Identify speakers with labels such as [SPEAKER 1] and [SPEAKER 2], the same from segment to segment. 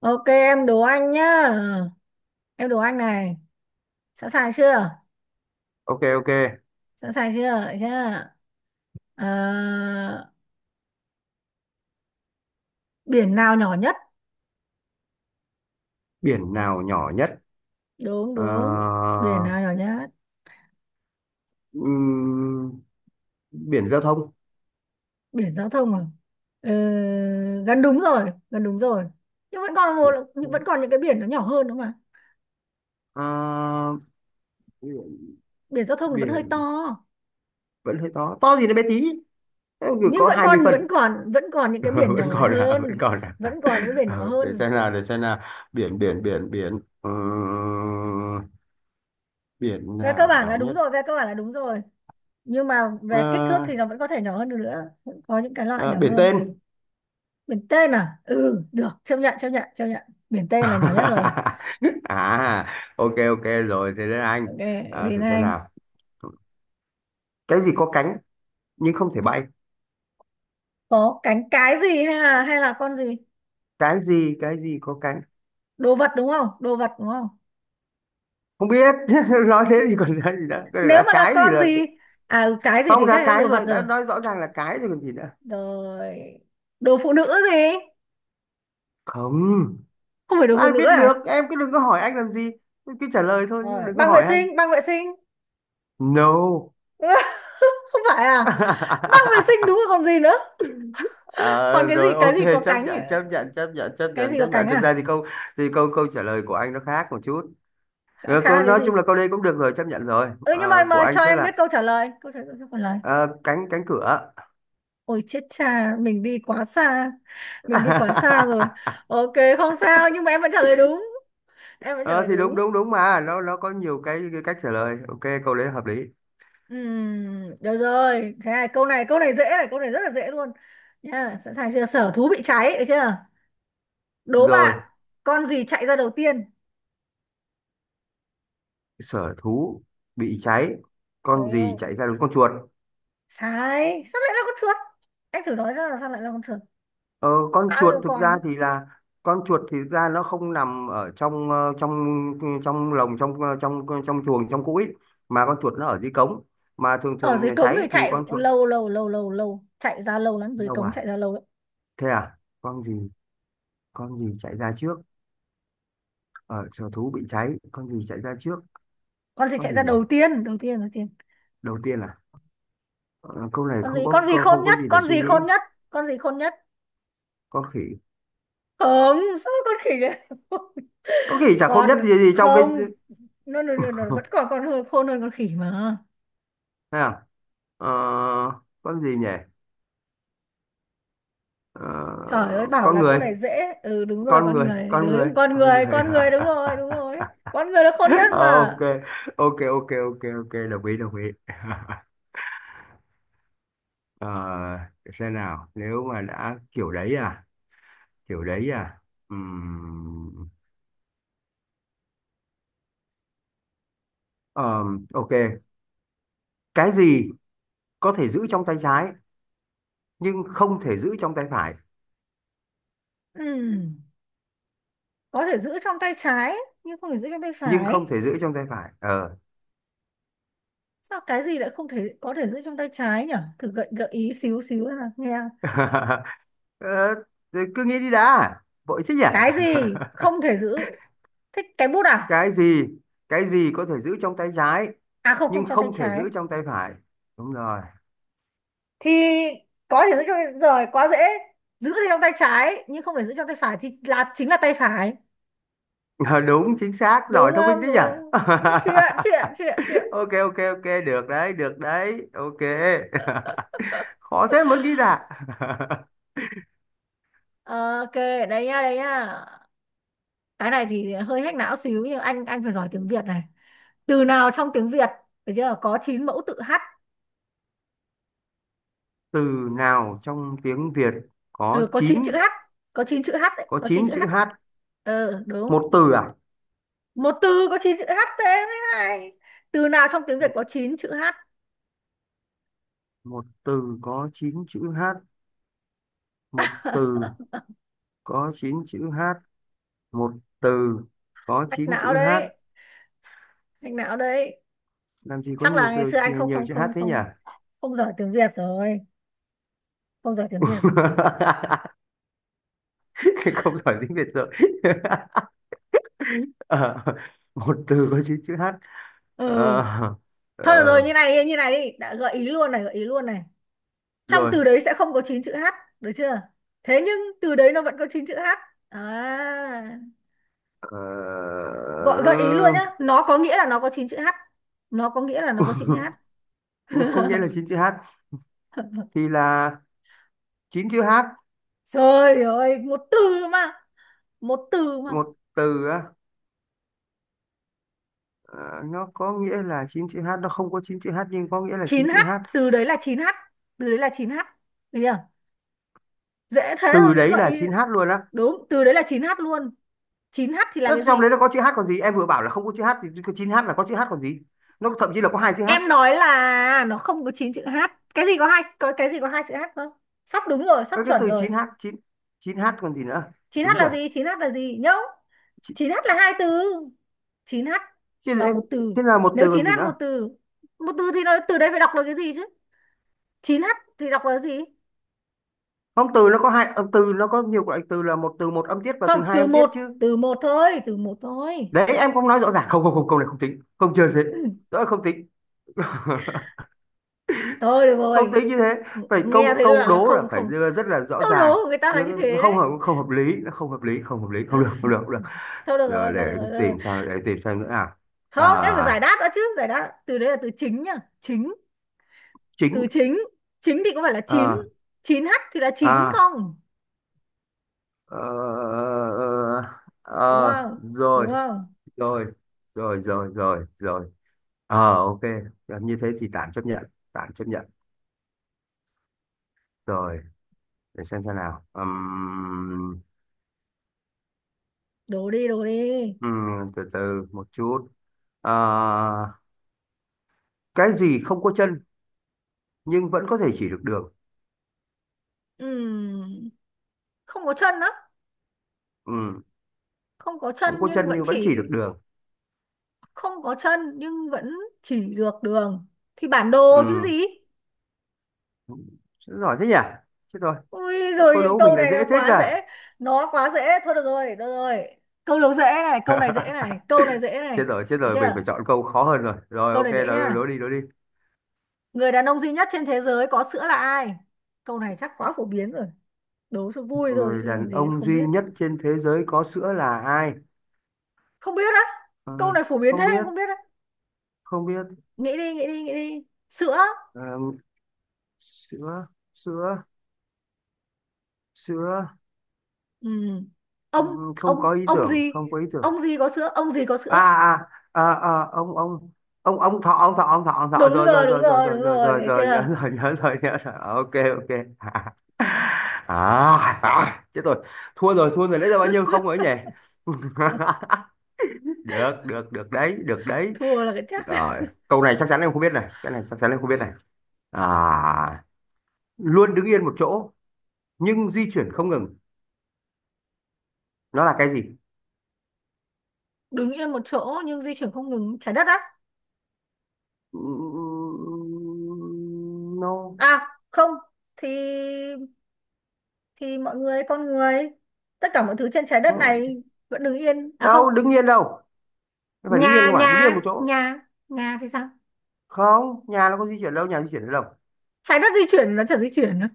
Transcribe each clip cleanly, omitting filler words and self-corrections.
[SPEAKER 1] Ok, em đố anh nhá. Em đố anh này. Sẵn sàng chưa?
[SPEAKER 2] Ok, ok.
[SPEAKER 1] Sẵn sàng chưa? Đấy chưa? À, Biển nào nhỏ nhất?
[SPEAKER 2] Biển nào nhỏ nhất?
[SPEAKER 1] Đúng
[SPEAKER 2] Ờ,
[SPEAKER 1] đúng. Biển nào nhỏ nhất?
[SPEAKER 2] ừm, Biển giao thông.
[SPEAKER 1] Biển giao thông à? Ừ, Gần đúng rồi, gần đúng rồi. Nhưng vẫn còn một,
[SPEAKER 2] Biển, không.
[SPEAKER 1] vẫn còn những cái biển nó nhỏ hơn đúng không ạ?
[SPEAKER 2] Ờ, biển,
[SPEAKER 1] Biển giao thông thì vẫn hơi to.
[SPEAKER 2] biển vẫn hơi to to thì nó bé tí. Thế mà
[SPEAKER 1] Nhưng
[SPEAKER 2] có
[SPEAKER 1] vẫn
[SPEAKER 2] 20
[SPEAKER 1] còn
[SPEAKER 2] phân.
[SPEAKER 1] vẫn còn vẫn còn những cái biển nhỏ
[SPEAKER 2] vẫn còn là vẫn
[SPEAKER 1] hơn,
[SPEAKER 2] còn là
[SPEAKER 1] vẫn còn những cái biển nhỏ
[SPEAKER 2] Để
[SPEAKER 1] hơn.
[SPEAKER 2] xem nào, để xem nào. Biển biển biển biển Biển
[SPEAKER 1] Về cơ
[SPEAKER 2] nào
[SPEAKER 1] bản là
[SPEAKER 2] nhỏ
[SPEAKER 1] đúng
[SPEAKER 2] nhất?
[SPEAKER 1] rồi, về cơ bản là đúng rồi. Nhưng mà
[SPEAKER 2] Ờ,
[SPEAKER 1] về kích thước thì nó vẫn có thể nhỏ hơn được nữa. Vẫn có những cái loại
[SPEAKER 2] ờ,
[SPEAKER 1] nhỏ
[SPEAKER 2] Biển
[SPEAKER 1] hơn.
[SPEAKER 2] tên.
[SPEAKER 1] Biển tên à? Ừ, được, chấp nhận chấp nhận chấp nhận. Biển tên là nhỏ nhất rồi.
[SPEAKER 2] À, ok, ok rồi, thế đến anh.
[SPEAKER 1] Ok, thì
[SPEAKER 2] Thử xem
[SPEAKER 1] anh
[SPEAKER 2] nào. Cái gì có cánh nhưng không thể bay?
[SPEAKER 1] có cánh, cái gì, hay là con gì?
[SPEAKER 2] Cái gì có cánh?
[SPEAKER 1] Đồ vật đúng không? Đồ vật đúng không?
[SPEAKER 2] Không biết. Nói thế thì còn ra gì nữa, cái này
[SPEAKER 1] Nếu
[SPEAKER 2] là
[SPEAKER 1] mà là
[SPEAKER 2] cái gì
[SPEAKER 1] con
[SPEAKER 2] là?
[SPEAKER 1] gì. Cái gì thì
[SPEAKER 2] Không, đã
[SPEAKER 1] chắc là
[SPEAKER 2] cái
[SPEAKER 1] đồ vật
[SPEAKER 2] rồi, đã
[SPEAKER 1] rồi.
[SPEAKER 2] nói rõ ràng là cái rồi còn gì nữa?
[SPEAKER 1] Rồi. Đồ phụ nữ gì?
[SPEAKER 2] Không,
[SPEAKER 1] Không phải đồ phụ
[SPEAKER 2] ai
[SPEAKER 1] nữ
[SPEAKER 2] biết được,
[SPEAKER 1] à?
[SPEAKER 2] em cứ đừng có hỏi anh làm gì, cứ trả lời thôi chứ
[SPEAKER 1] Rồi,
[SPEAKER 2] đừng có
[SPEAKER 1] băng vệ
[SPEAKER 2] hỏi anh.
[SPEAKER 1] sinh, băng vệ sinh.
[SPEAKER 2] No.
[SPEAKER 1] Không phải à? Băng vệ sinh đúng rồi còn gì nữa.
[SPEAKER 2] Ờ,
[SPEAKER 1] Còn cái gì,
[SPEAKER 2] Rồi,
[SPEAKER 1] cái
[SPEAKER 2] ok.
[SPEAKER 1] gì có
[SPEAKER 2] Chấp
[SPEAKER 1] cánh nhỉ?
[SPEAKER 2] nhận, chấp nhận, chấp nhận, chấp
[SPEAKER 1] Cái
[SPEAKER 2] nhận,
[SPEAKER 1] gì có
[SPEAKER 2] chấp nhận.
[SPEAKER 1] cánh
[SPEAKER 2] Thực ra
[SPEAKER 1] à?
[SPEAKER 2] thì câu câu trả lời của anh nó khác một chút.
[SPEAKER 1] Khá khá
[SPEAKER 2] Câu
[SPEAKER 1] là cái
[SPEAKER 2] nói
[SPEAKER 1] gì?
[SPEAKER 2] chung là câu đây cũng được rồi, chấp nhận rồi.
[SPEAKER 1] Ừ, nhưng mà
[SPEAKER 2] Ờ, của anh
[SPEAKER 1] cho
[SPEAKER 2] sẽ
[SPEAKER 1] em biết
[SPEAKER 2] là
[SPEAKER 1] câu trả lời, câu trả lời, câu trả lời.
[SPEAKER 2] ờ, cánh cánh cửa.
[SPEAKER 1] Ôi chết cha, mình đi quá xa. Mình đi quá xa rồi. Ok, không sao, nhưng mà em vẫn trả lời đúng. Em vẫn trả
[SPEAKER 2] Ờ
[SPEAKER 1] lời
[SPEAKER 2] thì đúng,
[SPEAKER 1] đúng.
[SPEAKER 2] đúng, đúng, mà nó có nhiều cái cách trả lời. Ok, câu đấy hợp lý.
[SPEAKER 1] Được rồi. Thế này, câu này, câu này dễ này, câu này rất là dễ luôn. Nha, sẵn sàng chưa? Sở thú bị cháy, được chưa? Đố
[SPEAKER 2] Rồi,
[SPEAKER 1] bạn, con gì chạy ra đầu tiên?
[SPEAKER 2] sở thú bị cháy, con gì
[SPEAKER 1] Trời!
[SPEAKER 2] chạy ra? Đúng, con chuột.
[SPEAKER 1] Sai, sao lại là con chuột? Anh thử nói ra là sao lại là con chuột?
[SPEAKER 2] Ờ, con
[SPEAKER 1] Bao
[SPEAKER 2] chuột
[SPEAKER 1] nhiêu
[SPEAKER 2] thực ra
[SPEAKER 1] con?
[SPEAKER 2] thì là con chuột thì thực ra nó không nằm ở trong, trong, trong lồng, trong trong trong chuồng, trong cũi, mà con chuột nó ở dưới cống. Mà thường
[SPEAKER 1] Ở
[SPEAKER 2] thường
[SPEAKER 1] dưới
[SPEAKER 2] nhà
[SPEAKER 1] cống
[SPEAKER 2] cháy
[SPEAKER 1] thì
[SPEAKER 2] thì
[SPEAKER 1] chạy
[SPEAKER 2] con
[SPEAKER 1] cũng
[SPEAKER 2] chuột.
[SPEAKER 1] lâu lâu lâu lâu lâu, chạy ra lâu lắm, dưới
[SPEAKER 2] Đâu
[SPEAKER 1] cống
[SPEAKER 2] à?
[SPEAKER 1] chạy ra lâu lắm.
[SPEAKER 2] Thế à? Con gì chạy ra trước, ở sở thú bị cháy con gì chạy ra trước?
[SPEAKER 1] Con gì
[SPEAKER 2] Con
[SPEAKER 1] chạy
[SPEAKER 2] gì
[SPEAKER 1] ra
[SPEAKER 2] nhỉ?
[SPEAKER 1] đầu tiên, đầu tiên, đầu tiên.
[SPEAKER 2] Đầu tiên là... Ờ, Câu này
[SPEAKER 1] con
[SPEAKER 2] không
[SPEAKER 1] gì
[SPEAKER 2] có
[SPEAKER 1] con gì khôn
[SPEAKER 2] không có
[SPEAKER 1] nhất,
[SPEAKER 2] gì để
[SPEAKER 1] con
[SPEAKER 2] suy
[SPEAKER 1] gì
[SPEAKER 2] nghĩ.
[SPEAKER 1] khôn nhất, con gì khôn nhất?
[SPEAKER 2] Con khỉ.
[SPEAKER 1] Không, sao con khỉ đấy?
[SPEAKER 2] Con khỉ chả khôn
[SPEAKER 1] Còn
[SPEAKER 2] nhất gì trong cái...
[SPEAKER 1] không? Nó vẫn còn con hơn, khôn hơn con khỉ mà.
[SPEAKER 2] Thế nào? Ờ, con gì nhỉ? Ờ,
[SPEAKER 1] Trời ơi, bảo
[SPEAKER 2] con
[SPEAKER 1] là câu
[SPEAKER 2] người,
[SPEAKER 1] này dễ. Ừ, đúng rồi,
[SPEAKER 2] con
[SPEAKER 1] con
[SPEAKER 2] người,
[SPEAKER 1] người,
[SPEAKER 2] con người,
[SPEAKER 1] đúng, con
[SPEAKER 2] con
[SPEAKER 1] người,
[SPEAKER 2] người.
[SPEAKER 1] con người, đúng rồi, đúng rồi. Con người là khôn nhất
[SPEAKER 2] Ờ, ok,
[SPEAKER 1] mà.
[SPEAKER 2] ok, ok, ok, ok, đồng ý, đồng ý. Ờ, để xem nào, nếu mà đã kiểu đấy à, kiểu đấy à. Ừm, ok. Cái gì có thể giữ trong tay trái nhưng không thể giữ trong tay phải,
[SPEAKER 1] Ừm, có thể giữ trong tay trái nhưng không thể giữ trong tay
[SPEAKER 2] nhưng không
[SPEAKER 1] phải.
[SPEAKER 2] thể giữ trong tay phải. Ờ
[SPEAKER 1] Sao cái gì lại không thể có thể giữ trong tay trái nhỉ? Thử gợi gợi ý xíu xíu nào nghe.
[SPEAKER 2] Ờ, thì cứ nghĩ đi đã, vội thế nhỉ.
[SPEAKER 1] Cái gì không thể giữ? Thích cái bút à?
[SPEAKER 2] cái gì cái gì có thể giữ trong tay trái
[SPEAKER 1] À, không, không
[SPEAKER 2] nhưng
[SPEAKER 1] cho tay
[SPEAKER 2] không thể
[SPEAKER 1] trái
[SPEAKER 2] giữ trong tay phải? Đúng rồi.
[SPEAKER 1] thì có thể giữ cho. Rồi, quá dễ. Giữ thì trong tay trái nhưng không thể giữ trong tay phải thì là chính là tay phải.
[SPEAKER 2] Ờ, Đúng, chính xác,
[SPEAKER 1] Đúng
[SPEAKER 2] giỏi, thông minh
[SPEAKER 1] không?
[SPEAKER 2] thế
[SPEAKER 1] Đúng
[SPEAKER 2] nhỉ.
[SPEAKER 1] không? Chuyện, chuyện, chuyện, chuyện.
[SPEAKER 2] Ok, ok, ok, được đấy, được đấy, ok. Khó thế, muốn ghi ra.
[SPEAKER 1] Ok, đấy nha, đấy nha. Cái này thì hơi hack não xíu, nhưng anh phải giỏi tiếng Việt này. Từ nào trong tiếng Việt, được chưa, có 9 mẫu tự h?
[SPEAKER 2] Từ nào trong tiếng Việt có
[SPEAKER 1] Ừ, có 9
[SPEAKER 2] chín
[SPEAKER 1] chữ h. Có 9 chữ h đấy,
[SPEAKER 2] có
[SPEAKER 1] có 9
[SPEAKER 2] chín
[SPEAKER 1] chữ h
[SPEAKER 2] chữ H?
[SPEAKER 1] đấy. Ừ, đúng.
[SPEAKER 2] Một từ à?
[SPEAKER 1] Một từ có 9 chữ h, thế mới hay. Từ nào trong tiếng Việt
[SPEAKER 2] một
[SPEAKER 1] có 9 chữ h?
[SPEAKER 2] một từ có chín chữ H? Một từ có chín chữ H. Một từ có
[SPEAKER 1] Hack
[SPEAKER 2] 9
[SPEAKER 1] não
[SPEAKER 2] chữ H.
[SPEAKER 1] đấy, hack não đấy.
[SPEAKER 2] Làm gì có
[SPEAKER 1] Chắc
[SPEAKER 2] nhiều
[SPEAKER 1] là ngày
[SPEAKER 2] từ
[SPEAKER 1] xưa anh không
[SPEAKER 2] nhiều
[SPEAKER 1] không
[SPEAKER 2] chữ H
[SPEAKER 1] không
[SPEAKER 2] thế nhỉ?
[SPEAKER 1] không không giỏi tiếng Việt rồi. Không giỏi tiếng Việt rồi.
[SPEAKER 2] Không giỏi tiếng Việt rồi. Ờ, Một từ có 9 chữ H.
[SPEAKER 1] Ừ,
[SPEAKER 2] Ờ,
[SPEAKER 1] thôi được rồi,
[SPEAKER 2] ờ,
[SPEAKER 1] như này, như này đi, đã gợi ý luôn này, gợi ý luôn này. Trong
[SPEAKER 2] Rồi.
[SPEAKER 1] từ đấy sẽ không có chín chữ h, được chưa? Thế nhưng từ đấy nó vẫn có chín chữ h. À,
[SPEAKER 2] Ờ,
[SPEAKER 1] gọi gợi ý luôn nhá, nó có nghĩa là nó có chín chữ h. Nó có nghĩa là nó có chín chữ h.
[SPEAKER 2] có nghĩa là chín chữ H thì là 9 chữ H?
[SPEAKER 1] Trời ơi, một từ mà, một từ mà
[SPEAKER 2] Một từ á? Ờ, nó có nghĩa là 9 chữ H, nó không có 9 chữ H nhưng có nghĩa là
[SPEAKER 1] chín
[SPEAKER 2] chín
[SPEAKER 1] h.
[SPEAKER 2] chữ H.
[SPEAKER 1] Từ đấy là chín h, từ đấy là chín h, được chưa? Dễ thế rồi
[SPEAKER 2] Từ đấy
[SPEAKER 1] gợi
[SPEAKER 2] là
[SPEAKER 1] ý.
[SPEAKER 2] chín h luôn á?
[SPEAKER 1] Đúng, từ đấy là chín h luôn. Chín h thì là
[SPEAKER 2] Nó
[SPEAKER 1] cái
[SPEAKER 2] trong
[SPEAKER 1] gì?
[SPEAKER 2] đấy nó có chữ H còn gì? Em vừa bảo là không có chữ H thì cái chín h là có chữ H còn gì? Nó thậm chí là có hai chữ H.
[SPEAKER 1] Em nói là nó không có 9 chữ H. Cái gì có hai, có cái gì có hai chữ H không? Sắp đúng rồi, sắp
[SPEAKER 2] Nó cái
[SPEAKER 1] chuẩn
[SPEAKER 2] từ
[SPEAKER 1] rồi.
[SPEAKER 2] 9H, chín h, chín chín h còn gì nữa?
[SPEAKER 1] Chín h
[SPEAKER 2] Đúng
[SPEAKER 1] là
[SPEAKER 2] chưa?
[SPEAKER 1] gì? Chín h là gì? Nhớ. Chín h là hai từ. Chín h
[SPEAKER 2] thế
[SPEAKER 1] là
[SPEAKER 2] là
[SPEAKER 1] một từ.
[SPEAKER 2] thế là một
[SPEAKER 1] Nếu
[SPEAKER 2] từ còn
[SPEAKER 1] chín
[SPEAKER 2] gì
[SPEAKER 1] h
[SPEAKER 2] nữa?
[SPEAKER 1] một từ thì nó từ đây phải đọc là cái gì chứ? Chín h thì đọc là gì?
[SPEAKER 2] Không, từ nó có hai âm, từ nó có nhiều loại, từ là một từ một âm tiết và
[SPEAKER 1] Không,
[SPEAKER 2] từ hai âm tiết chứ.
[SPEAKER 1] từ một thôi, từ một thôi.
[SPEAKER 2] Đấy, em không nói rõ ràng. Không, không, không, câu này không tính, không chơi thế.
[SPEAKER 1] Ừ,
[SPEAKER 2] Đó không tính.
[SPEAKER 1] thôi được
[SPEAKER 2] Không
[SPEAKER 1] rồi.
[SPEAKER 2] tính như thế. Phải,
[SPEAKER 1] Nghe
[SPEAKER 2] câu
[SPEAKER 1] thấy
[SPEAKER 2] câu
[SPEAKER 1] là
[SPEAKER 2] đố là
[SPEAKER 1] không
[SPEAKER 2] phải
[SPEAKER 1] không.
[SPEAKER 2] đưa rất là rõ
[SPEAKER 1] Câu
[SPEAKER 2] ràng.
[SPEAKER 1] đố của người ta là
[SPEAKER 2] Đưa
[SPEAKER 1] như
[SPEAKER 2] nó
[SPEAKER 1] thế đấy.
[SPEAKER 2] không hợp lý, nó không hợp lý, không hợp lý, không
[SPEAKER 1] Ừ,
[SPEAKER 2] được, không được, không được.
[SPEAKER 1] thôi được rồi, thôi
[SPEAKER 2] Để
[SPEAKER 1] được rồi,
[SPEAKER 2] em
[SPEAKER 1] thôi được rồi.
[SPEAKER 2] tìm, sao để em tìm xem nữa? À,
[SPEAKER 1] Không, em phải
[SPEAKER 2] à
[SPEAKER 1] giải đáp đã chứ. Giải đáp, từ đấy là từ chính nhá. Chính.
[SPEAKER 2] chính,
[SPEAKER 1] Từ chính. Chính thì có phải là chín,
[SPEAKER 2] à,
[SPEAKER 1] chín h thì là chính
[SPEAKER 2] à,
[SPEAKER 1] không?
[SPEAKER 2] ờ,
[SPEAKER 1] Đúng
[SPEAKER 2] ờ,
[SPEAKER 1] không?
[SPEAKER 2] rồi,
[SPEAKER 1] Đúng không?
[SPEAKER 2] rồi, rồi, rồi, rồi, rồi, ok. Như thế thì tạm chấp nhận, tạm chấp nhận. Rồi, để xem nào.
[SPEAKER 1] Đổ đi, đổ đi.
[SPEAKER 2] Từ từ một chút. à, cái gì không có chân nhưng vẫn có thể chỉ được đường?
[SPEAKER 1] Ừm, Không có chân á?
[SPEAKER 2] Ừm,
[SPEAKER 1] Không có chân
[SPEAKER 2] Không có
[SPEAKER 1] nhưng
[SPEAKER 2] chân
[SPEAKER 1] vẫn
[SPEAKER 2] nhưng vẫn chỉ được
[SPEAKER 1] chỉ,
[SPEAKER 2] đường.
[SPEAKER 1] không có chân nhưng vẫn chỉ được đường, thì bản đồ chứ
[SPEAKER 2] Ừm,
[SPEAKER 1] gì.
[SPEAKER 2] Giỏi thế nhỉ, chết rồi,
[SPEAKER 1] Ui rồi,
[SPEAKER 2] câu đố
[SPEAKER 1] những
[SPEAKER 2] của mình
[SPEAKER 1] câu
[SPEAKER 2] lại
[SPEAKER 1] này
[SPEAKER 2] dễ
[SPEAKER 1] nó
[SPEAKER 2] thế
[SPEAKER 1] quá dễ.
[SPEAKER 2] cả.
[SPEAKER 1] Nó quá dễ. Thôi được rồi, được rồi. Câu đầu dễ này, câu này dễ này, câu này dễ này.
[SPEAKER 2] Chết rồi, chết
[SPEAKER 1] Được
[SPEAKER 2] rồi, mình
[SPEAKER 1] chưa?
[SPEAKER 2] phải chọn câu khó hơn rồi, rồi
[SPEAKER 1] Câu
[SPEAKER 2] ok.
[SPEAKER 1] này
[SPEAKER 2] Đó,
[SPEAKER 1] dễ
[SPEAKER 2] đó
[SPEAKER 1] nhá.
[SPEAKER 2] đi, đó đi.
[SPEAKER 1] Người đàn ông duy nhất trên thế giới có sữa là ai? Câu này chắc quá phổ biến rồi. Đố cho vui thôi
[SPEAKER 2] Người
[SPEAKER 1] chứ làm
[SPEAKER 2] đàn
[SPEAKER 1] gì
[SPEAKER 2] ông
[SPEAKER 1] không
[SPEAKER 2] duy
[SPEAKER 1] biết.
[SPEAKER 2] nhất trên thế giới có sữa là ai?
[SPEAKER 1] Không biết á?
[SPEAKER 2] Ờ,
[SPEAKER 1] Câu này phổ biến
[SPEAKER 2] Không
[SPEAKER 1] thế
[SPEAKER 2] biết,
[SPEAKER 1] không biết á?
[SPEAKER 2] không biết.
[SPEAKER 1] Nghĩ đi, nghĩ đi, nghĩ đi. Sữa.
[SPEAKER 2] Ờ, Sữa, sữa, sữa.
[SPEAKER 1] Ừ.
[SPEAKER 2] Ừ,
[SPEAKER 1] Ông,
[SPEAKER 2] ừ, không có ý
[SPEAKER 1] ông
[SPEAKER 2] tưởng,
[SPEAKER 1] gì?
[SPEAKER 2] không có ý tưởng.
[SPEAKER 1] Ông gì có sữa? Ông gì có
[SPEAKER 2] À,
[SPEAKER 1] sữa?
[SPEAKER 2] à, à, à, ông thọ, ông thọ, ông thọ, ông thọ,
[SPEAKER 1] Đúng
[SPEAKER 2] rồi, rồi,
[SPEAKER 1] rồi, đúng
[SPEAKER 2] rồi, rồi,
[SPEAKER 1] rồi,
[SPEAKER 2] rồi,
[SPEAKER 1] đúng
[SPEAKER 2] rồi,
[SPEAKER 1] rồi.
[SPEAKER 2] rồi,
[SPEAKER 1] Thấy
[SPEAKER 2] rồi, nhớ
[SPEAKER 1] chưa?
[SPEAKER 2] rồi, nhớ rồi, nhớ rồi, ok, ok. À, à chết rồi, thua rồi, thua rồi, lấy ra bao nhiêu không rồi ấy nhỉ. Được, được, được đấy, được đấy.
[SPEAKER 1] Thua là cái chắc.
[SPEAKER 2] Rồi, câu này chắc chắn em không biết này, cái này chắc chắn em không biết này. À, luôn đứng yên một chỗ nhưng di chuyển không ngừng, nó là cái gì?
[SPEAKER 1] Đứng yên một chỗ nhưng di chuyển không ngừng. Trái đất á?
[SPEAKER 2] Nó...
[SPEAKER 1] À, không. Thì thì mọi người, con người, tất cả mọi thứ trên trái đất
[SPEAKER 2] No,
[SPEAKER 1] này vẫn đứng yên. À không.
[SPEAKER 2] đâu đứng yên đâu. Nó phải đứng yên
[SPEAKER 1] Nhà,
[SPEAKER 2] cơ mà,
[SPEAKER 1] nhà,
[SPEAKER 2] đứng yên một chỗ.
[SPEAKER 1] nhà, nhà thì sao?
[SPEAKER 2] Không, nhà nó có di chuyển đâu, nhà di chuyển đến đâu?
[SPEAKER 1] Trái đất di chuyển, nó chả di chuyển nữa.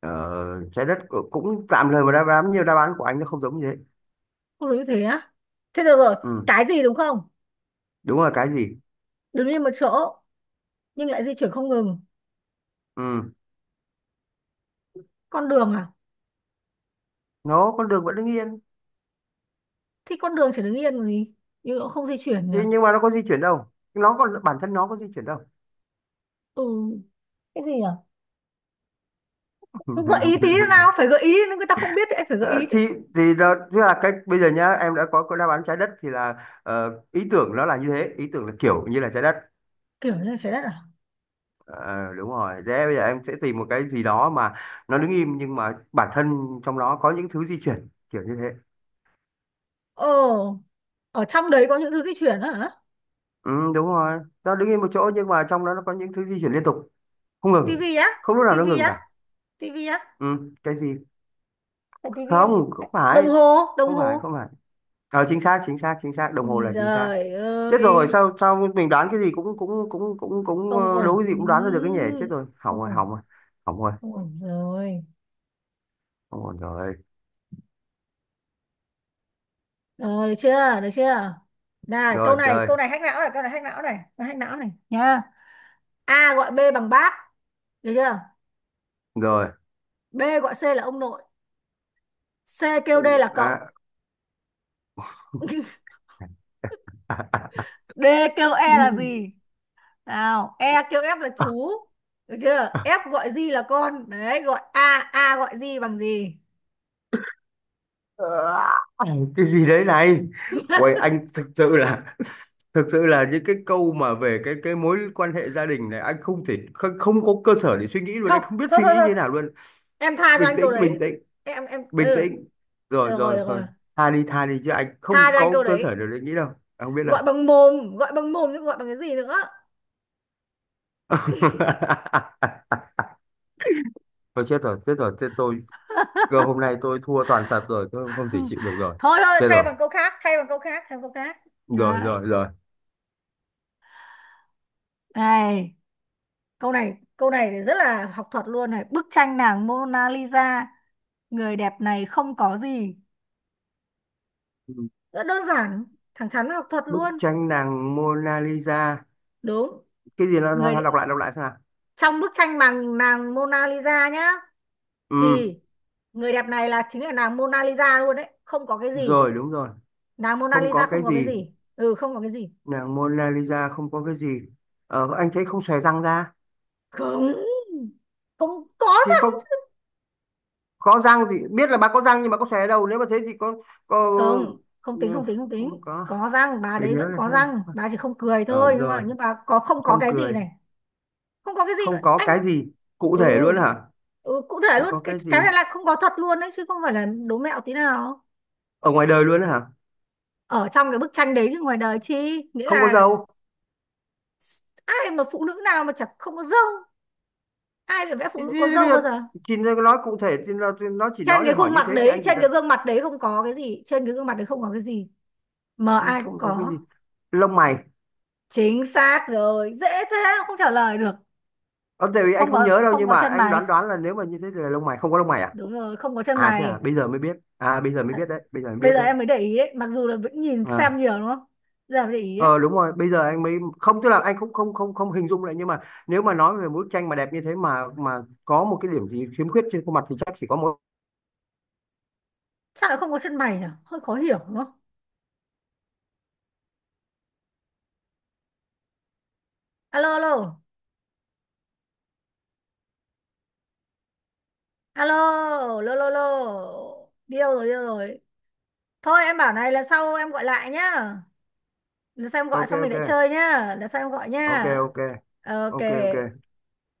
[SPEAKER 2] ờ, Trái đất cũng cũng tạm thời mà, đáp án, nhiều đáp án của anh nó không giống như thế.
[SPEAKER 1] Không giống như thế á? Thế được rồi.
[SPEAKER 2] Ừ,
[SPEAKER 1] Cái gì đúng không?
[SPEAKER 2] đúng là cái gì?
[SPEAKER 1] Đứng yên một chỗ nhưng lại di chuyển không ngừng.
[SPEAKER 2] Ừ,
[SPEAKER 1] Con đường à?
[SPEAKER 2] nó con đường vẫn đứng yên,
[SPEAKER 1] Thì con đường chỉ đứng yên còn gì, nhưng nó không di chuyển nhỉ.
[SPEAKER 2] thế nhưng mà nó có di chuyển đâu, nó còn bản thân nó có di chuyển đâu.
[SPEAKER 1] Ừ, cái gì nhỉ? Cứ gợi ý tí nữa nào, phải gợi ý, nếu người ta không biết thì anh phải gợi
[SPEAKER 2] Ờ,
[SPEAKER 1] ý chứ.
[SPEAKER 2] thì thì đó tức là cách bây giờ nhá, em đã có đáp án trái đất thì là ý tưởng nó là như thế, ý tưởng là kiểu như là trái đất.
[SPEAKER 1] Kiểu như là trái đất à?
[SPEAKER 2] Ờ, Đúng rồi, thế bây giờ em sẽ tìm một cái gì đó mà nó đứng im nhưng mà bản thân trong đó có những thứ di chuyển kiểu như thế.
[SPEAKER 1] Ồ, ở trong đấy có những thứ di chuyển á hả?
[SPEAKER 2] Ừ, đúng rồi, nó đứng im một chỗ nhưng mà trong đó nó có những thứ di chuyển liên tục không ngừng,
[SPEAKER 1] Tivi á?
[SPEAKER 2] không lúc nào nó
[SPEAKER 1] Tivi
[SPEAKER 2] ngừng
[SPEAKER 1] á?
[SPEAKER 2] cả.
[SPEAKER 1] Tivi á?
[SPEAKER 2] Ừ, cái gì?
[SPEAKER 1] Phải tivi không?
[SPEAKER 2] Không, không
[SPEAKER 1] Đồng
[SPEAKER 2] phải,
[SPEAKER 1] hồ, đồng
[SPEAKER 2] không phải,
[SPEAKER 1] hồ.
[SPEAKER 2] không phải. Chính xác, chính xác, chính xác, đồng
[SPEAKER 1] Ui
[SPEAKER 2] hồ là chính xác.
[SPEAKER 1] giời
[SPEAKER 2] Chết
[SPEAKER 1] ơi,
[SPEAKER 2] rồi, sao sao mình đoán cái gì cũng cũng cũng cũng cũng
[SPEAKER 1] không ổn.
[SPEAKER 2] đố cái gì cũng đoán ra được cái nhỉ, chết rồi, hỏng
[SPEAKER 1] Không
[SPEAKER 2] rồi,
[SPEAKER 1] ổn,
[SPEAKER 2] hỏng rồi, hỏng rồi,
[SPEAKER 1] không ổn rồi.
[SPEAKER 2] hỏng rồi. Rồi,
[SPEAKER 1] Ờ, Được chưa, được chưa? Này câu
[SPEAKER 2] rồi
[SPEAKER 1] này,
[SPEAKER 2] chơi.
[SPEAKER 1] câu này hack não này, câu này hack não này, nó hack não này nha. A gọi B bằng bác, được chưa?
[SPEAKER 2] Rồi.
[SPEAKER 1] B gọi C là ông nội, C kêu D là cậu.
[SPEAKER 2] À, à,
[SPEAKER 1] D kêu E là gì nào? E kêu F là chú, được chưa? F gọi G là con đấy, gọi A, A gọi G bằng gì?
[SPEAKER 2] à, à, cái gì đấy này? Uầy, anh thực sự là, những cái câu mà về cái mối quan hệ gia đình này, anh không thể không, không có cơ sở để suy nghĩ luôn, anh
[SPEAKER 1] Không,
[SPEAKER 2] không biết
[SPEAKER 1] thôi
[SPEAKER 2] suy
[SPEAKER 1] thôi
[SPEAKER 2] nghĩ như
[SPEAKER 1] thôi,
[SPEAKER 2] thế nào luôn.
[SPEAKER 1] em tha cho
[SPEAKER 2] Bình
[SPEAKER 1] anh câu
[SPEAKER 2] tĩnh, bình
[SPEAKER 1] đấy.
[SPEAKER 2] tĩnh,
[SPEAKER 1] Em ừ,
[SPEAKER 2] bình tĩnh, rồi,
[SPEAKER 1] được rồi,
[SPEAKER 2] rồi,
[SPEAKER 1] được rồi.
[SPEAKER 2] rồi, tha đi, tha đi chứ anh
[SPEAKER 1] Tha
[SPEAKER 2] không
[SPEAKER 1] cho anh
[SPEAKER 2] có
[SPEAKER 1] câu
[SPEAKER 2] cơ
[SPEAKER 1] đấy.
[SPEAKER 2] sở để suy nghĩ đâu, anh không biết
[SPEAKER 1] Gọi bằng mồm, gọi bằng mồm chứ gọi bằng cái gì nữa.
[SPEAKER 2] đâu. Thôi chết rồi, chết rồi, chết tôi. Cơ hôm nay tôi thua toàn thật rồi, tôi không thể chịu được rồi.
[SPEAKER 1] Thôi thôi,
[SPEAKER 2] Chết
[SPEAKER 1] thay
[SPEAKER 2] rồi,
[SPEAKER 1] bằng câu khác, thay bằng câu khác, thay bằng câu khác.
[SPEAKER 2] rồi,
[SPEAKER 1] Đấy.
[SPEAKER 2] rồi, rồi.
[SPEAKER 1] Này câu này, câu này thì rất là học thuật luôn này. Bức tranh nàng Mona Lisa, người đẹp này không có gì.
[SPEAKER 2] Ừ.
[SPEAKER 1] Rất đơn giản, thẳng thắn, học thuật
[SPEAKER 2] Bức
[SPEAKER 1] luôn.
[SPEAKER 2] tranh nàng Mona Lisa.
[SPEAKER 1] Đúng,
[SPEAKER 2] Cái gì nó, nó,
[SPEAKER 1] người
[SPEAKER 2] nó
[SPEAKER 1] đ-,
[SPEAKER 2] đọc lại xem nào.
[SPEAKER 1] trong bức tranh bằng nàng Mona Lisa nhá,
[SPEAKER 2] Ừ,
[SPEAKER 1] thì người đẹp này là chính là nàng Mona Lisa luôn đấy, không có cái gì.
[SPEAKER 2] rồi, đúng rồi.
[SPEAKER 1] Nàng Mona
[SPEAKER 2] Không có
[SPEAKER 1] Lisa
[SPEAKER 2] cái
[SPEAKER 1] không có cái
[SPEAKER 2] gì.
[SPEAKER 1] gì. Ừ, không có cái gì.
[SPEAKER 2] Nàng Mona Lisa không có cái gì. Anh thấy không xòe răng ra.
[SPEAKER 1] Không, không có
[SPEAKER 2] Thì không
[SPEAKER 1] răng.
[SPEAKER 2] có răng gì, biết là bà có răng nhưng mà có xòe đâu. Nếu mà thế thì có...
[SPEAKER 1] Không, không
[SPEAKER 2] Ừ,
[SPEAKER 1] tính, không tính, không tính.
[SPEAKER 2] không có.
[SPEAKER 1] Có răng, bà
[SPEAKER 2] Để
[SPEAKER 1] đấy
[SPEAKER 2] nhớ
[SPEAKER 1] vẫn
[SPEAKER 2] là
[SPEAKER 1] có
[SPEAKER 2] xem.
[SPEAKER 1] răng, bà chỉ không cười thôi, nhưng mà
[SPEAKER 2] Rồi,
[SPEAKER 1] nhưng bà có không có
[SPEAKER 2] không
[SPEAKER 1] cái gì
[SPEAKER 2] cười.
[SPEAKER 1] này. Không có cái gì
[SPEAKER 2] Không có
[SPEAKER 1] anh.
[SPEAKER 2] cái gì. Cụ
[SPEAKER 1] Ừ,
[SPEAKER 2] thể luôn hả?
[SPEAKER 1] ừ cụ thể
[SPEAKER 2] Không
[SPEAKER 1] luôn.
[SPEAKER 2] có
[SPEAKER 1] cái
[SPEAKER 2] cái gì
[SPEAKER 1] cái này là không có thật luôn đấy chứ không phải là đố mẹo tí nào.
[SPEAKER 2] ở ngoài đời luôn đó hả?
[SPEAKER 1] Ở trong cái bức tranh đấy chứ ngoài đời chi. Nghĩa
[SPEAKER 2] Không có
[SPEAKER 1] là,
[SPEAKER 2] dâu.
[SPEAKER 1] ai mà, phụ nữ nào mà chẳng không có râu. Ai được vẽ phụ nữ có
[SPEAKER 2] Thì
[SPEAKER 1] râu
[SPEAKER 2] bây giờ
[SPEAKER 1] bao giờ.
[SPEAKER 2] chị nói cụ thể thì thì nó chỉ
[SPEAKER 1] Trên
[SPEAKER 2] nói
[SPEAKER 1] cái
[SPEAKER 2] là hỏi
[SPEAKER 1] khuôn
[SPEAKER 2] như
[SPEAKER 1] mặt
[SPEAKER 2] thế thì
[SPEAKER 1] đấy,
[SPEAKER 2] anh chỉ
[SPEAKER 1] trên cái
[SPEAKER 2] đã.
[SPEAKER 1] gương mặt đấy không có cái gì, trên cái gương mặt đấy không có cái gì mà
[SPEAKER 2] "Ừ,
[SPEAKER 1] ai cũng
[SPEAKER 2] không có cái
[SPEAKER 1] có.
[SPEAKER 2] gì. Lông mày.
[SPEAKER 1] Chính xác rồi, dễ thế mà không trả lời được.
[SPEAKER 2] Ở tại vì anh
[SPEAKER 1] Không
[SPEAKER 2] không
[SPEAKER 1] có,
[SPEAKER 2] nhớ đâu
[SPEAKER 1] không
[SPEAKER 2] nhưng
[SPEAKER 1] có
[SPEAKER 2] mà
[SPEAKER 1] chân
[SPEAKER 2] anh
[SPEAKER 1] mày.
[SPEAKER 2] đoán đoán là nếu mà như thế thì là lông mày, không có lông mày à?
[SPEAKER 1] Đúng rồi, không có chân
[SPEAKER 2] À thế à,
[SPEAKER 1] mày.
[SPEAKER 2] bây giờ mới biết, à bây giờ mới biết đấy, bây giờ mới
[SPEAKER 1] Bây
[SPEAKER 2] biết
[SPEAKER 1] giờ
[SPEAKER 2] đấy.
[SPEAKER 1] em mới để ý đấy, mặc dù là vẫn nhìn xem
[SPEAKER 2] À,
[SPEAKER 1] nhiều đúng không. Giờ mới để ý đấy.
[SPEAKER 2] ờ đúng rồi, bây giờ anh mới. Không, tức là anh cũng không không không hình dung lại, nhưng mà nếu mà nói về bức tranh mà đẹp như thế mà có một cái điểm gì khiếm khuyết trên khuôn mặt thì chắc chỉ có một.
[SPEAKER 1] Sao lại không có chân mày nhỉ, hơi khó hiểu đúng không? Alo, alo, alo, lô lô lô. Điêu rồi, điêu rồi. Thôi em bảo này, lần sau em gọi lại nhá. Lần sau em gọi
[SPEAKER 2] Ok,
[SPEAKER 1] xong mình
[SPEAKER 2] ok,
[SPEAKER 1] lại chơi nhá, lần sau em gọi
[SPEAKER 2] ok,
[SPEAKER 1] nhá.
[SPEAKER 2] ok, ok,
[SPEAKER 1] Ok.
[SPEAKER 2] ok.